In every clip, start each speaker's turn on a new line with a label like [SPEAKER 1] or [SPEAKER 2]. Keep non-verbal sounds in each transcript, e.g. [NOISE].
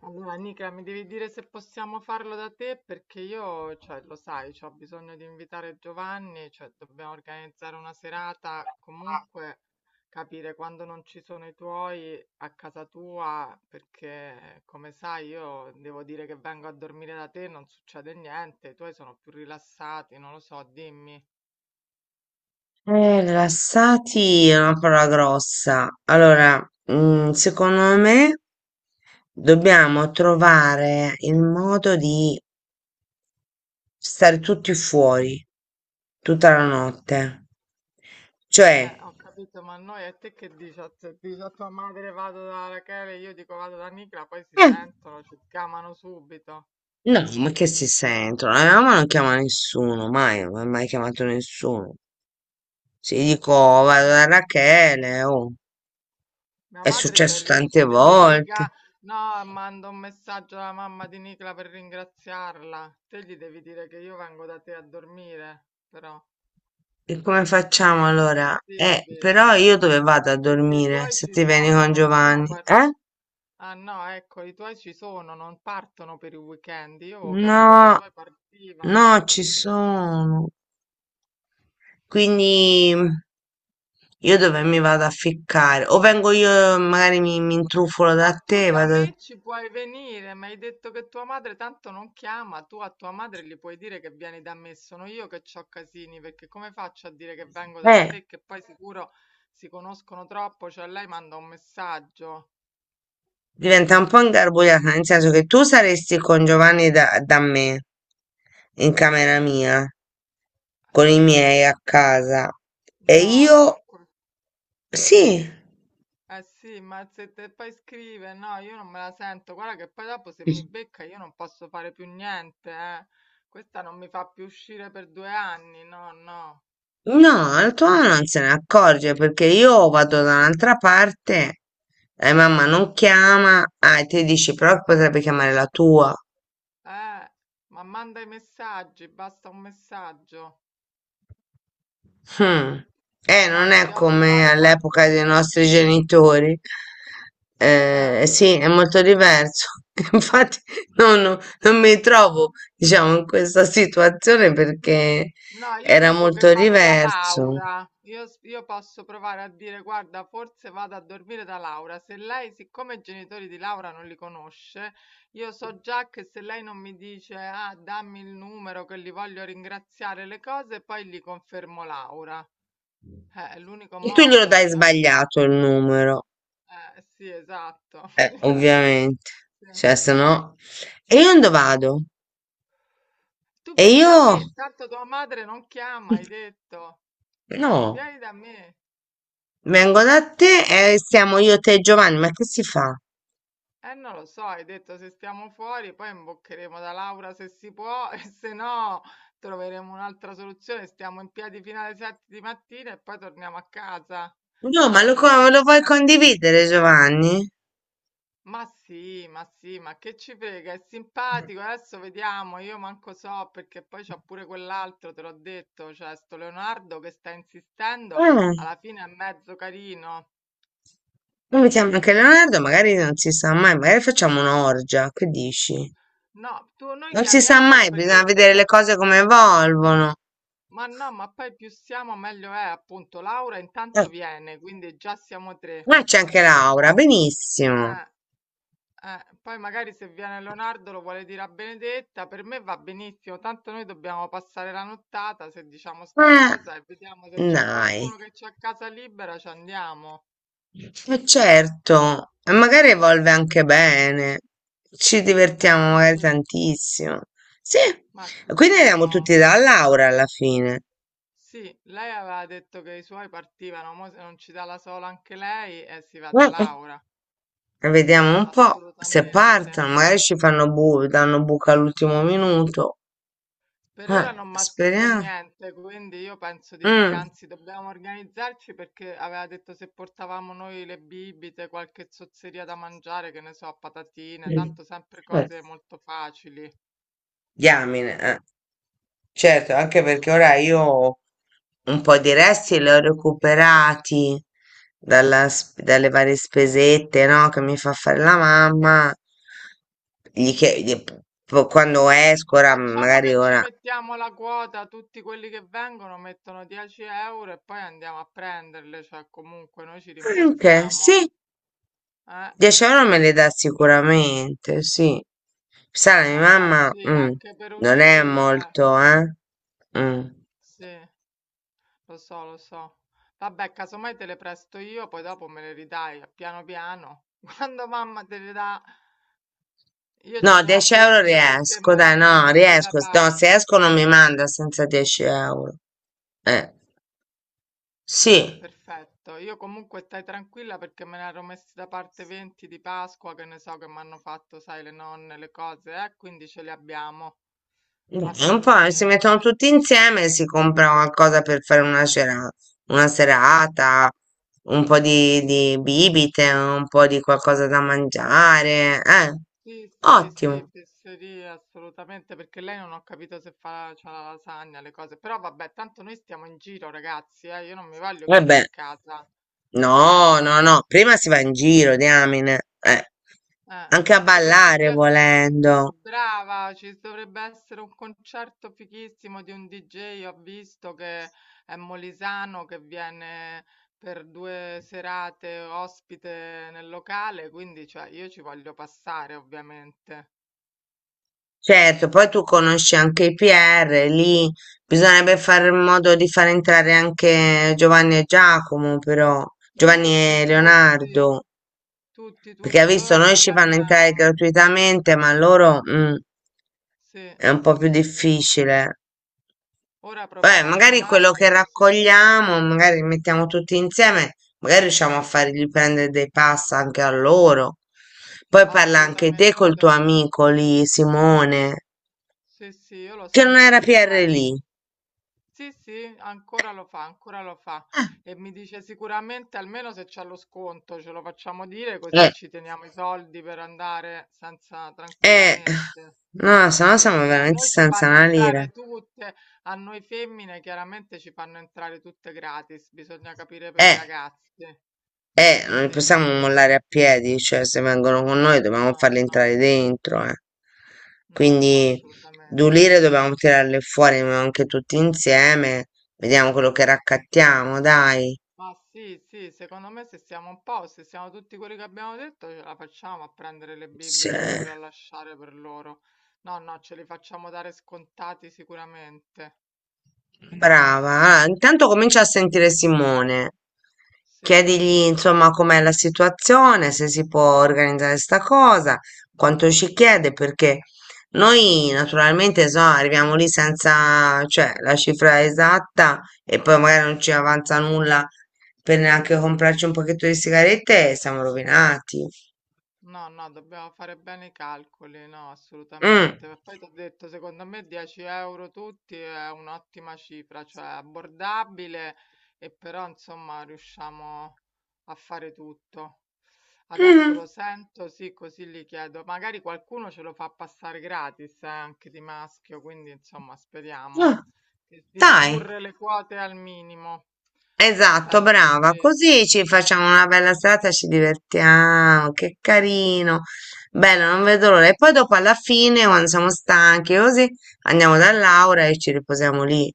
[SPEAKER 1] Allora, Nica, mi devi dire se possiamo farlo da te perché io, cioè, lo sai, ho bisogno di invitare Giovanni, cioè, dobbiamo organizzare una serata, comunque capire quando non ci sono i tuoi a casa tua, perché come sai io devo dire che vengo a dormire da te, non succede niente, i tuoi sono più rilassati, non lo so, dimmi.
[SPEAKER 2] Rilassati è una parola grossa. Allora, secondo me dobbiamo trovare il modo di stare tutti fuori tutta la notte. Cioè,
[SPEAKER 1] Ho capito, ma noi a te che dici? A, se dici a tua madre vado da Rachele, io dico vado da Nicola, poi si
[SPEAKER 2] eh,
[SPEAKER 1] sentono, ci chiamano subito.
[SPEAKER 2] no, ma che si sentono? La mia mamma non chiama nessuno, mai, non ha mai chiamato nessuno. Se gli dico, "Oh, vado
[SPEAKER 1] No,
[SPEAKER 2] da Rachele, oh,
[SPEAKER 1] mia
[SPEAKER 2] è
[SPEAKER 1] madre c'è il
[SPEAKER 2] successo tante
[SPEAKER 1] rischio che mi
[SPEAKER 2] volte.
[SPEAKER 1] dica no, mando un messaggio alla mamma di Nicla per ringraziarla. Te gli devi dire che io vengo da te a dormire, però
[SPEAKER 2] E come facciamo
[SPEAKER 1] è
[SPEAKER 2] allora?
[SPEAKER 1] possibile.
[SPEAKER 2] Però io
[SPEAKER 1] No,
[SPEAKER 2] dove vado a
[SPEAKER 1] perché i
[SPEAKER 2] dormire
[SPEAKER 1] tuoi
[SPEAKER 2] se
[SPEAKER 1] ci
[SPEAKER 2] ti vieni
[SPEAKER 1] sono,
[SPEAKER 2] con
[SPEAKER 1] non sono
[SPEAKER 2] Giovanni? Eh?
[SPEAKER 1] ah no, ecco, i tuoi ci sono, non partono per i weekend. Io ho capito che i
[SPEAKER 2] No,
[SPEAKER 1] tuoi
[SPEAKER 2] no,
[SPEAKER 1] partivano.
[SPEAKER 2] ci sono.
[SPEAKER 1] Ah,
[SPEAKER 2] Quindi
[SPEAKER 1] no.
[SPEAKER 2] io dove mi vado a ficcare? O vengo io, magari mi intrufolo da
[SPEAKER 1] No, tu
[SPEAKER 2] te,
[SPEAKER 1] da
[SPEAKER 2] vado...
[SPEAKER 1] me ci puoi venire, mi hai detto che tua madre tanto non chiama, tu a tua madre gli puoi dire che vieni da me, sono io che c'ho casini, perché come faccio a dire che vengo da
[SPEAKER 2] Eh,
[SPEAKER 1] te, che poi sicuro si conoscono troppo, cioè lei manda un messaggio.
[SPEAKER 2] diventa un po' ingarbugliata, nel senso che tu saresti con Giovanni da me, in camera mia, con i miei a casa. E
[SPEAKER 1] No, no,
[SPEAKER 2] io... Sì.
[SPEAKER 1] eh sì, ma se te poi scrive, no, io non me la sento, guarda che poi dopo se mi becca io non posso fare più niente, eh. Questa non mi fa più uscire per 2 anni, no, no.
[SPEAKER 2] No, la tua mamma non se ne accorge perché io vado da un'altra parte e mamma non chiama, ah, e te dici però che potrebbe chiamare la tua.
[SPEAKER 1] Eh, ma manda i messaggi, basta un messaggio.
[SPEAKER 2] Hmm.
[SPEAKER 1] No,
[SPEAKER 2] Non è
[SPEAKER 1] dobbiamo
[SPEAKER 2] come
[SPEAKER 1] trovare
[SPEAKER 2] all'epoca
[SPEAKER 1] qualcuno.
[SPEAKER 2] dei nostri genitori.
[SPEAKER 1] Eh,
[SPEAKER 2] Sì, è molto diverso. [LAUGHS] Infatti, no, no, non mi trovo, diciamo, in questa situazione perché
[SPEAKER 1] no, io
[SPEAKER 2] era
[SPEAKER 1] dico che
[SPEAKER 2] molto
[SPEAKER 1] vado da
[SPEAKER 2] diverso.
[SPEAKER 1] Laura. Io, io posso provare a dire, guarda, forse vado a dormire da Laura. Se lei, siccome i genitori di Laura non li conosce, io so già che se lei non mi dice, ah, dammi il numero che li voglio ringraziare le cose, poi gli confermo Laura. È l'unico
[SPEAKER 2] E tu glielo
[SPEAKER 1] modo,
[SPEAKER 2] dai
[SPEAKER 1] cioè.
[SPEAKER 2] sbagliato il numero.
[SPEAKER 1] Sì, esatto. [LAUGHS]
[SPEAKER 2] Ovviamente,
[SPEAKER 1] Sì.
[SPEAKER 2] cioè se no... E io dove vado?
[SPEAKER 1] Tu
[SPEAKER 2] E
[SPEAKER 1] vieni da
[SPEAKER 2] io...
[SPEAKER 1] me, tanto tua madre non chiama, hai detto.
[SPEAKER 2] No,
[SPEAKER 1] Vieni da me.
[SPEAKER 2] vengo da te e siamo io, te e Giovanni, ma che si fa?
[SPEAKER 1] Non lo so, hai detto se stiamo fuori, poi imboccheremo da Laura se si può [LAUGHS] e se no troveremo un'altra soluzione. Stiamo in piedi fino alle 7 di mattina e poi torniamo a casa
[SPEAKER 2] No, ma lo,
[SPEAKER 1] facendo
[SPEAKER 2] lo vuoi
[SPEAKER 1] finta.
[SPEAKER 2] condividere, Giovanni?
[SPEAKER 1] Ma sì, ma sì, ma che ci frega, è
[SPEAKER 2] Eh,
[SPEAKER 1] simpatico, adesso vediamo, io manco so perché poi c'ha pure quell'altro, te l'ho detto, cioè sto Leonardo che sta insistendo, alla fine è mezzo carino.
[SPEAKER 2] noi mettiamo anche Leonardo, magari non si sa mai, magari facciamo un'orgia, che dici?
[SPEAKER 1] No, tu, noi
[SPEAKER 2] Non si sa
[SPEAKER 1] chiamiamolo
[SPEAKER 2] mai, bisogna
[SPEAKER 1] perché
[SPEAKER 2] vedere le cose come evolvono.
[SPEAKER 1] ma no, ma poi più siamo meglio è, appunto. Laura
[SPEAKER 2] Eh,
[SPEAKER 1] intanto viene, quindi già siamo tre.
[SPEAKER 2] ma c'è anche Laura,
[SPEAKER 1] Però,
[SPEAKER 2] benissimo.
[SPEAKER 1] eh, poi magari se viene Leonardo lo vuole dire a Benedetta, per me va benissimo, tanto noi dobbiamo passare la nottata se diciamo sta
[SPEAKER 2] Eh,
[SPEAKER 1] cosa e vediamo se c'è
[SPEAKER 2] dai.
[SPEAKER 1] qualcuno che c'ha casa libera, ci andiamo.
[SPEAKER 2] E certo, e magari evolve anche bene, ci
[SPEAKER 1] Eh
[SPEAKER 2] divertiamo magari
[SPEAKER 1] sì,
[SPEAKER 2] tantissimo. Sì,
[SPEAKER 1] ma
[SPEAKER 2] e quindi andiamo
[SPEAKER 1] sicuro.
[SPEAKER 2] tutti da Laura alla fine.
[SPEAKER 1] Sì, lei aveva detto che i suoi partivano, mo se non ci dà la sola anche lei, si va da
[SPEAKER 2] Mm.
[SPEAKER 1] Laura,
[SPEAKER 2] E vediamo un po' se
[SPEAKER 1] assolutamente.
[SPEAKER 2] partono, magari ci fanno bu danno buca all'ultimo minuto.
[SPEAKER 1] Per ora non mi ha scritto
[SPEAKER 2] Speriamo.
[SPEAKER 1] niente, quindi io penso di sì,
[SPEAKER 2] Mm.
[SPEAKER 1] anzi dobbiamo organizzarci perché aveva detto se portavamo noi le bibite, qualche zozzeria da mangiare, che ne so, patatine,
[SPEAKER 2] Mm.
[SPEAKER 1] tanto sempre
[SPEAKER 2] Eh,
[SPEAKER 1] cose molto facili.
[SPEAKER 2] diamine, eh. Certo, anche perché ora io un po' di resti li ho recuperati dalle varie spesette, no, che mi fa fare la mamma. Gli chie- gli- po- Quando esco,
[SPEAKER 1] Ma
[SPEAKER 2] ora
[SPEAKER 1] facciamo
[SPEAKER 2] magari
[SPEAKER 1] che ci
[SPEAKER 2] ora...
[SPEAKER 1] mettiamo la quota, tutti quelli che vengono mettono 10 euro e poi andiamo a prenderle, cioè comunque noi ci
[SPEAKER 2] "Ah, ok, sì,
[SPEAKER 1] rimborsiamo. Eh,
[SPEAKER 2] 10 euro me li dà sicuramente, sì. Sai, la mia
[SPEAKER 1] eh beh,
[SPEAKER 2] mamma
[SPEAKER 1] sì, anche per
[SPEAKER 2] non è
[SPEAKER 1] uscire,
[SPEAKER 2] molto, eh? Mm.
[SPEAKER 1] sì, lo so, lo so. Vabbè, casomai te le presto io, poi dopo me le ridai, piano piano. [LAUGHS] Quando mamma te le dà, io ce
[SPEAKER 2] No,
[SPEAKER 1] ne ho
[SPEAKER 2] 10 euro
[SPEAKER 1] 20 perché
[SPEAKER 2] riesco,
[SPEAKER 1] me le
[SPEAKER 2] dai,
[SPEAKER 1] ero
[SPEAKER 2] no,
[SPEAKER 1] messi da
[SPEAKER 2] riesco. No, se
[SPEAKER 1] parte.
[SPEAKER 2] esco non mi manda senza 10 euro. Eh, sì,
[SPEAKER 1] Perfetto, io comunque stai tranquilla perché me ne ero messi da parte 20 di Pasqua, che ne so che mi hanno fatto, sai, le nonne, le cose, quindi ce le abbiamo,
[SPEAKER 2] dai, un po' si mettono
[SPEAKER 1] assolutamente.
[SPEAKER 2] tutti insieme e si compra qualcosa per fare una una serata, un po' di bibite, un po' di qualcosa da mangiare.
[SPEAKER 1] Sì, sì, sì,
[SPEAKER 2] Ottimo.
[SPEAKER 1] fesserie assolutamente, perché lei non ho capito se fa, c'ha la lasagna, le cose, però vabbè, tanto noi stiamo in giro, ragazzi, io non mi voglio chiudere
[SPEAKER 2] Vabbè,
[SPEAKER 1] in casa. Eh,
[SPEAKER 2] no, no, no, prima si va in giro, diamine. Anche a
[SPEAKER 1] penso che ci
[SPEAKER 2] ballare
[SPEAKER 1] sia.
[SPEAKER 2] volendo.
[SPEAKER 1] Brava, ci dovrebbe essere un concerto fighissimo di un DJ, ho visto che è molisano, che viene per 2 serate ospite nel locale, quindi cioè, io ci voglio passare, ovviamente.
[SPEAKER 2] Certo, poi tu conosci anche i PR, lì bisognerebbe fare in modo di far entrare anche Giovanni e Giacomo, però Giovanni
[SPEAKER 1] Tutti,
[SPEAKER 2] e
[SPEAKER 1] tutti.
[SPEAKER 2] Leonardo,
[SPEAKER 1] Tutti,
[SPEAKER 2] perché hai
[SPEAKER 1] tutti,
[SPEAKER 2] visto,
[SPEAKER 1] ora lo
[SPEAKER 2] noi ci fanno entrare
[SPEAKER 1] chiamiamo.
[SPEAKER 2] gratuitamente, ma loro
[SPEAKER 1] Sì,
[SPEAKER 2] è un po' più difficile.
[SPEAKER 1] ora
[SPEAKER 2] Beh,
[SPEAKER 1] proviamo a
[SPEAKER 2] magari quello
[SPEAKER 1] chiamarli
[SPEAKER 2] che
[SPEAKER 1] così.
[SPEAKER 2] raccogliamo, magari li mettiamo tutti insieme, magari riusciamo a fargli prendere dei pass anche a loro. Poi parla anche te col tuo
[SPEAKER 1] Assolutamente.
[SPEAKER 2] amico lì, Simone,
[SPEAKER 1] Sì, sì, io lo
[SPEAKER 2] che non
[SPEAKER 1] sento
[SPEAKER 2] era PR
[SPEAKER 1] prima e
[SPEAKER 2] lì.
[SPEAKER 1] sì, sì, ancora lo fa, ancora lo fa. E mi dice sicuramente almeno se c'è lo sconto, ce lo facciamo dire così
[SPEAKER 2] Eh,
[SPEAKER 1] ci teniamo i soldi per andare senza
[SPEAKER 2] eh,
[SPEAKER 1] tranquillamente.
[SPEAKER 2] no, se no
[SPEAKER 1] Sì,
[SPEAKER 2] siamo
[SPEAKER 1] sì, a
[SPEAKER 2] veramente
[SPEAKER 1] noi ci
[SPEAKER 2] senza
[SPEAKER 1] fanno
[SPEAKER 2] una lira.
[SPEAKER 1] entrare tutte, a noi femmine chiaramente ci fanno entrare tutte gratis, bisogna capire per i
[SPEAKER 2] Eh,
[SPEAKER 1] ragazzi.
[SPEAKER 2] non li
[SPEAKER 1] Sì,
[SPEAKER 2] possiamo
[SPEAKER 1] sì.
[SPEAKER 2] mollare a piedi, cioè se vengono con noi dobbiamo
[SPEAKER 1] No,
[SPEAKER 2] farli entrare
[SPEAKER 1] no,
[SPEAKER 2] dentro, eh.
[SPEAKER 1] no, no,
[SPEAKER 2] Quindi due
[SPEAKER 1] assolutamente.
[SPEAKER 2] lire dobbiamo tirarle fuori ma anche tutti insieme. Vediamo quello che raccattiamo, dai.
[SPEAKER 1] Ma sì, sì, secondo me se siamo un po', se siamo tutti quelli che abbiamo detto, ce la facciamo a prendere le
[SPEAKER 2] Sì.
[SPEAKER 1] bibite oppure a lasciare per loro. No, no, ce li facciamo dare scontati sicuramente. Eh,
[SPEAKER 2] Brava, ah, intanto comincia a sentire Simone.
[SPEAKER 1] sì.
[SPEAKER 2] Chiedigli
[SPEAKER 1] Sì.
[SPEAKER 2] insomma com'è la situazione, se si può organizzare sta cosa, quanto ci chiede, perché noi naturalmente so, arriviamo lì senza, cioè, la cifra esatta e poi magari non ci avanza nulla per neanche comprarci un pacchetto di sigarette e siamo rovinati.
[SPEAKER 1] No, no, dobbiamo fare bene i calcoli, no,
[SPEAKER 2] Mm.
[SPEAKER 1] assolutamente. Ma poi ti ho detto, secondo me 10 euro tutti è un'ottima cifra, cioè abbordabile e però insomma riusciamo a fare tutto. Adesso
[SPEAKER 2] Mm.
[SPEAKER 1] lo sento, sì, così gli chiedo. Magari qualcuno ce lo fa passare gratis, anche di maschio, quindi insomma speriamo
[SPEAKER 2] Ah,
[SPEAKER 1] di
[SPEAKER 2] dai.
[SPEAKER 1] ridurre le quote al minimo.
[SPEAKER 2] Esatto,
[SPEAKER 1] Perfetto,
[SPEAKER 2] brava.
[SPEAKER 1] sì,
[SPEAKER 2] Così ci facciamo una bella
[SPEAKER 1] sì,
[SPEAKER 2] serata e ci divertiamo. Che carino. Bello, non
[SPEAKER 1] sì.
[SPEAKER 2] vedo l'ora. E poi dopo alla fine, quando siamo stanchi, così andiamo da Laura e ci riposiamo lì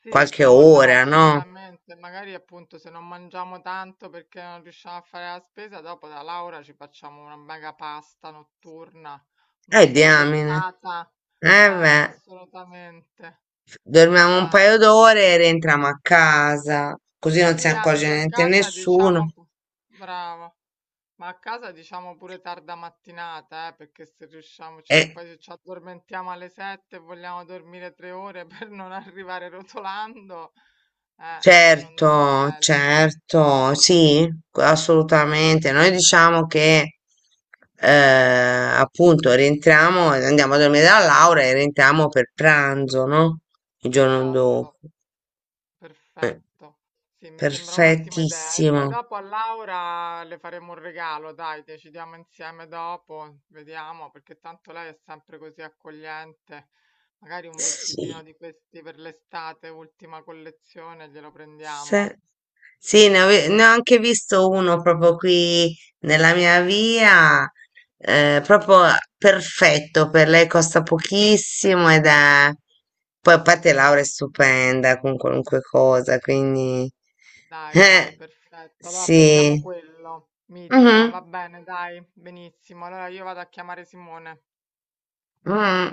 [SPEAKER 1] Sì,
[SPEAKER 2] qualche
[SPEAKER 1] stiamo là
[SPEAKER 2] ora, no?
[SPEAKER 1] assolutamente. Magari appunto se non mangiamo tanto perché non riusciamo a fare la spesa, dopo da Laura ci facciamo una mega pasta notturna, una
[SPEAKER 2] Diamine.
[SPEAKER 1] spaghettata.
[SPEAKER 2] Eh beh,
[SPEAKER 1] Assolutamente.
[SPEAKER 2] dormiamo un
[SPEAKER 1] Dai,
[SPEAKER 2] paio
[SPEAKER 1] sono con
[SPEAKER 2] d'ore e rientriamo a casa, così non si
[SPEAKER 1] sì,
[SPEAKER 2] accorge
[SPEAKER 1] anzi, a
[SPEAKER 2] niente
[SPEAKER 1] casa
[SPEAKER 2] nessuno.
[SPEAKER 1] diciamo, brava, ma a casa diciamo pure tarda mattinata, perché se riusciamo, cioè,
[SPEAKER 2] E
[SPEAKER 1] poi se ci addormentiamo alle 7 e vogliamo dormire 3 ore [LAUGHS] per non arrivare rotolando, secondo me è
[SPEAKER 2] certo,
[SPEAKER 1] meglio.
[SPEAKER 2] certo, sì, assolutamente. Noi diciamo che appunto rientriamo, andiamo a dormire da Laura e rientriamo per pranzo, no? Il giorno dopo.
[SPEAKER 1] Esatto. Perfetto. Sì, mi sembra un'ottima idea. E poi
[SPEAKER 2] Perfettissimo.
[SPEAKER 1] dopo a Laura le faremo un regalo, dai, decidiamo insieme dopo, vediamo, perché tanto lei è sempre così accogliente. Magari un vestitino
[SPEAKER 2] Sì.
[SPEAKER 1] di questi per l'estate, ultima collezione, glielo prendiamo.
[SPEAKER 2] Se- Sì, ne ho anche visto uno proprio qui nella mia via, proprio perfetto per lei, costa pochissimo ed è... Poi a parte Laura è stupenda con qualunque cosa, quindi...
[SPEAKER 1] Dai, dai,
[SPEAKER 2] Eh,
[SPEAKER 1] perfetto. Allora
[SPEAKER 2] sì.
[SPEAKER 1] prendiamo quello, mitica, va
[SPEAKER 2] Mhm,
[SPEAKER 1] bene, dai, benissimo. Allora io vado a chiamare Simone.
[SPEAKER 2] mhm.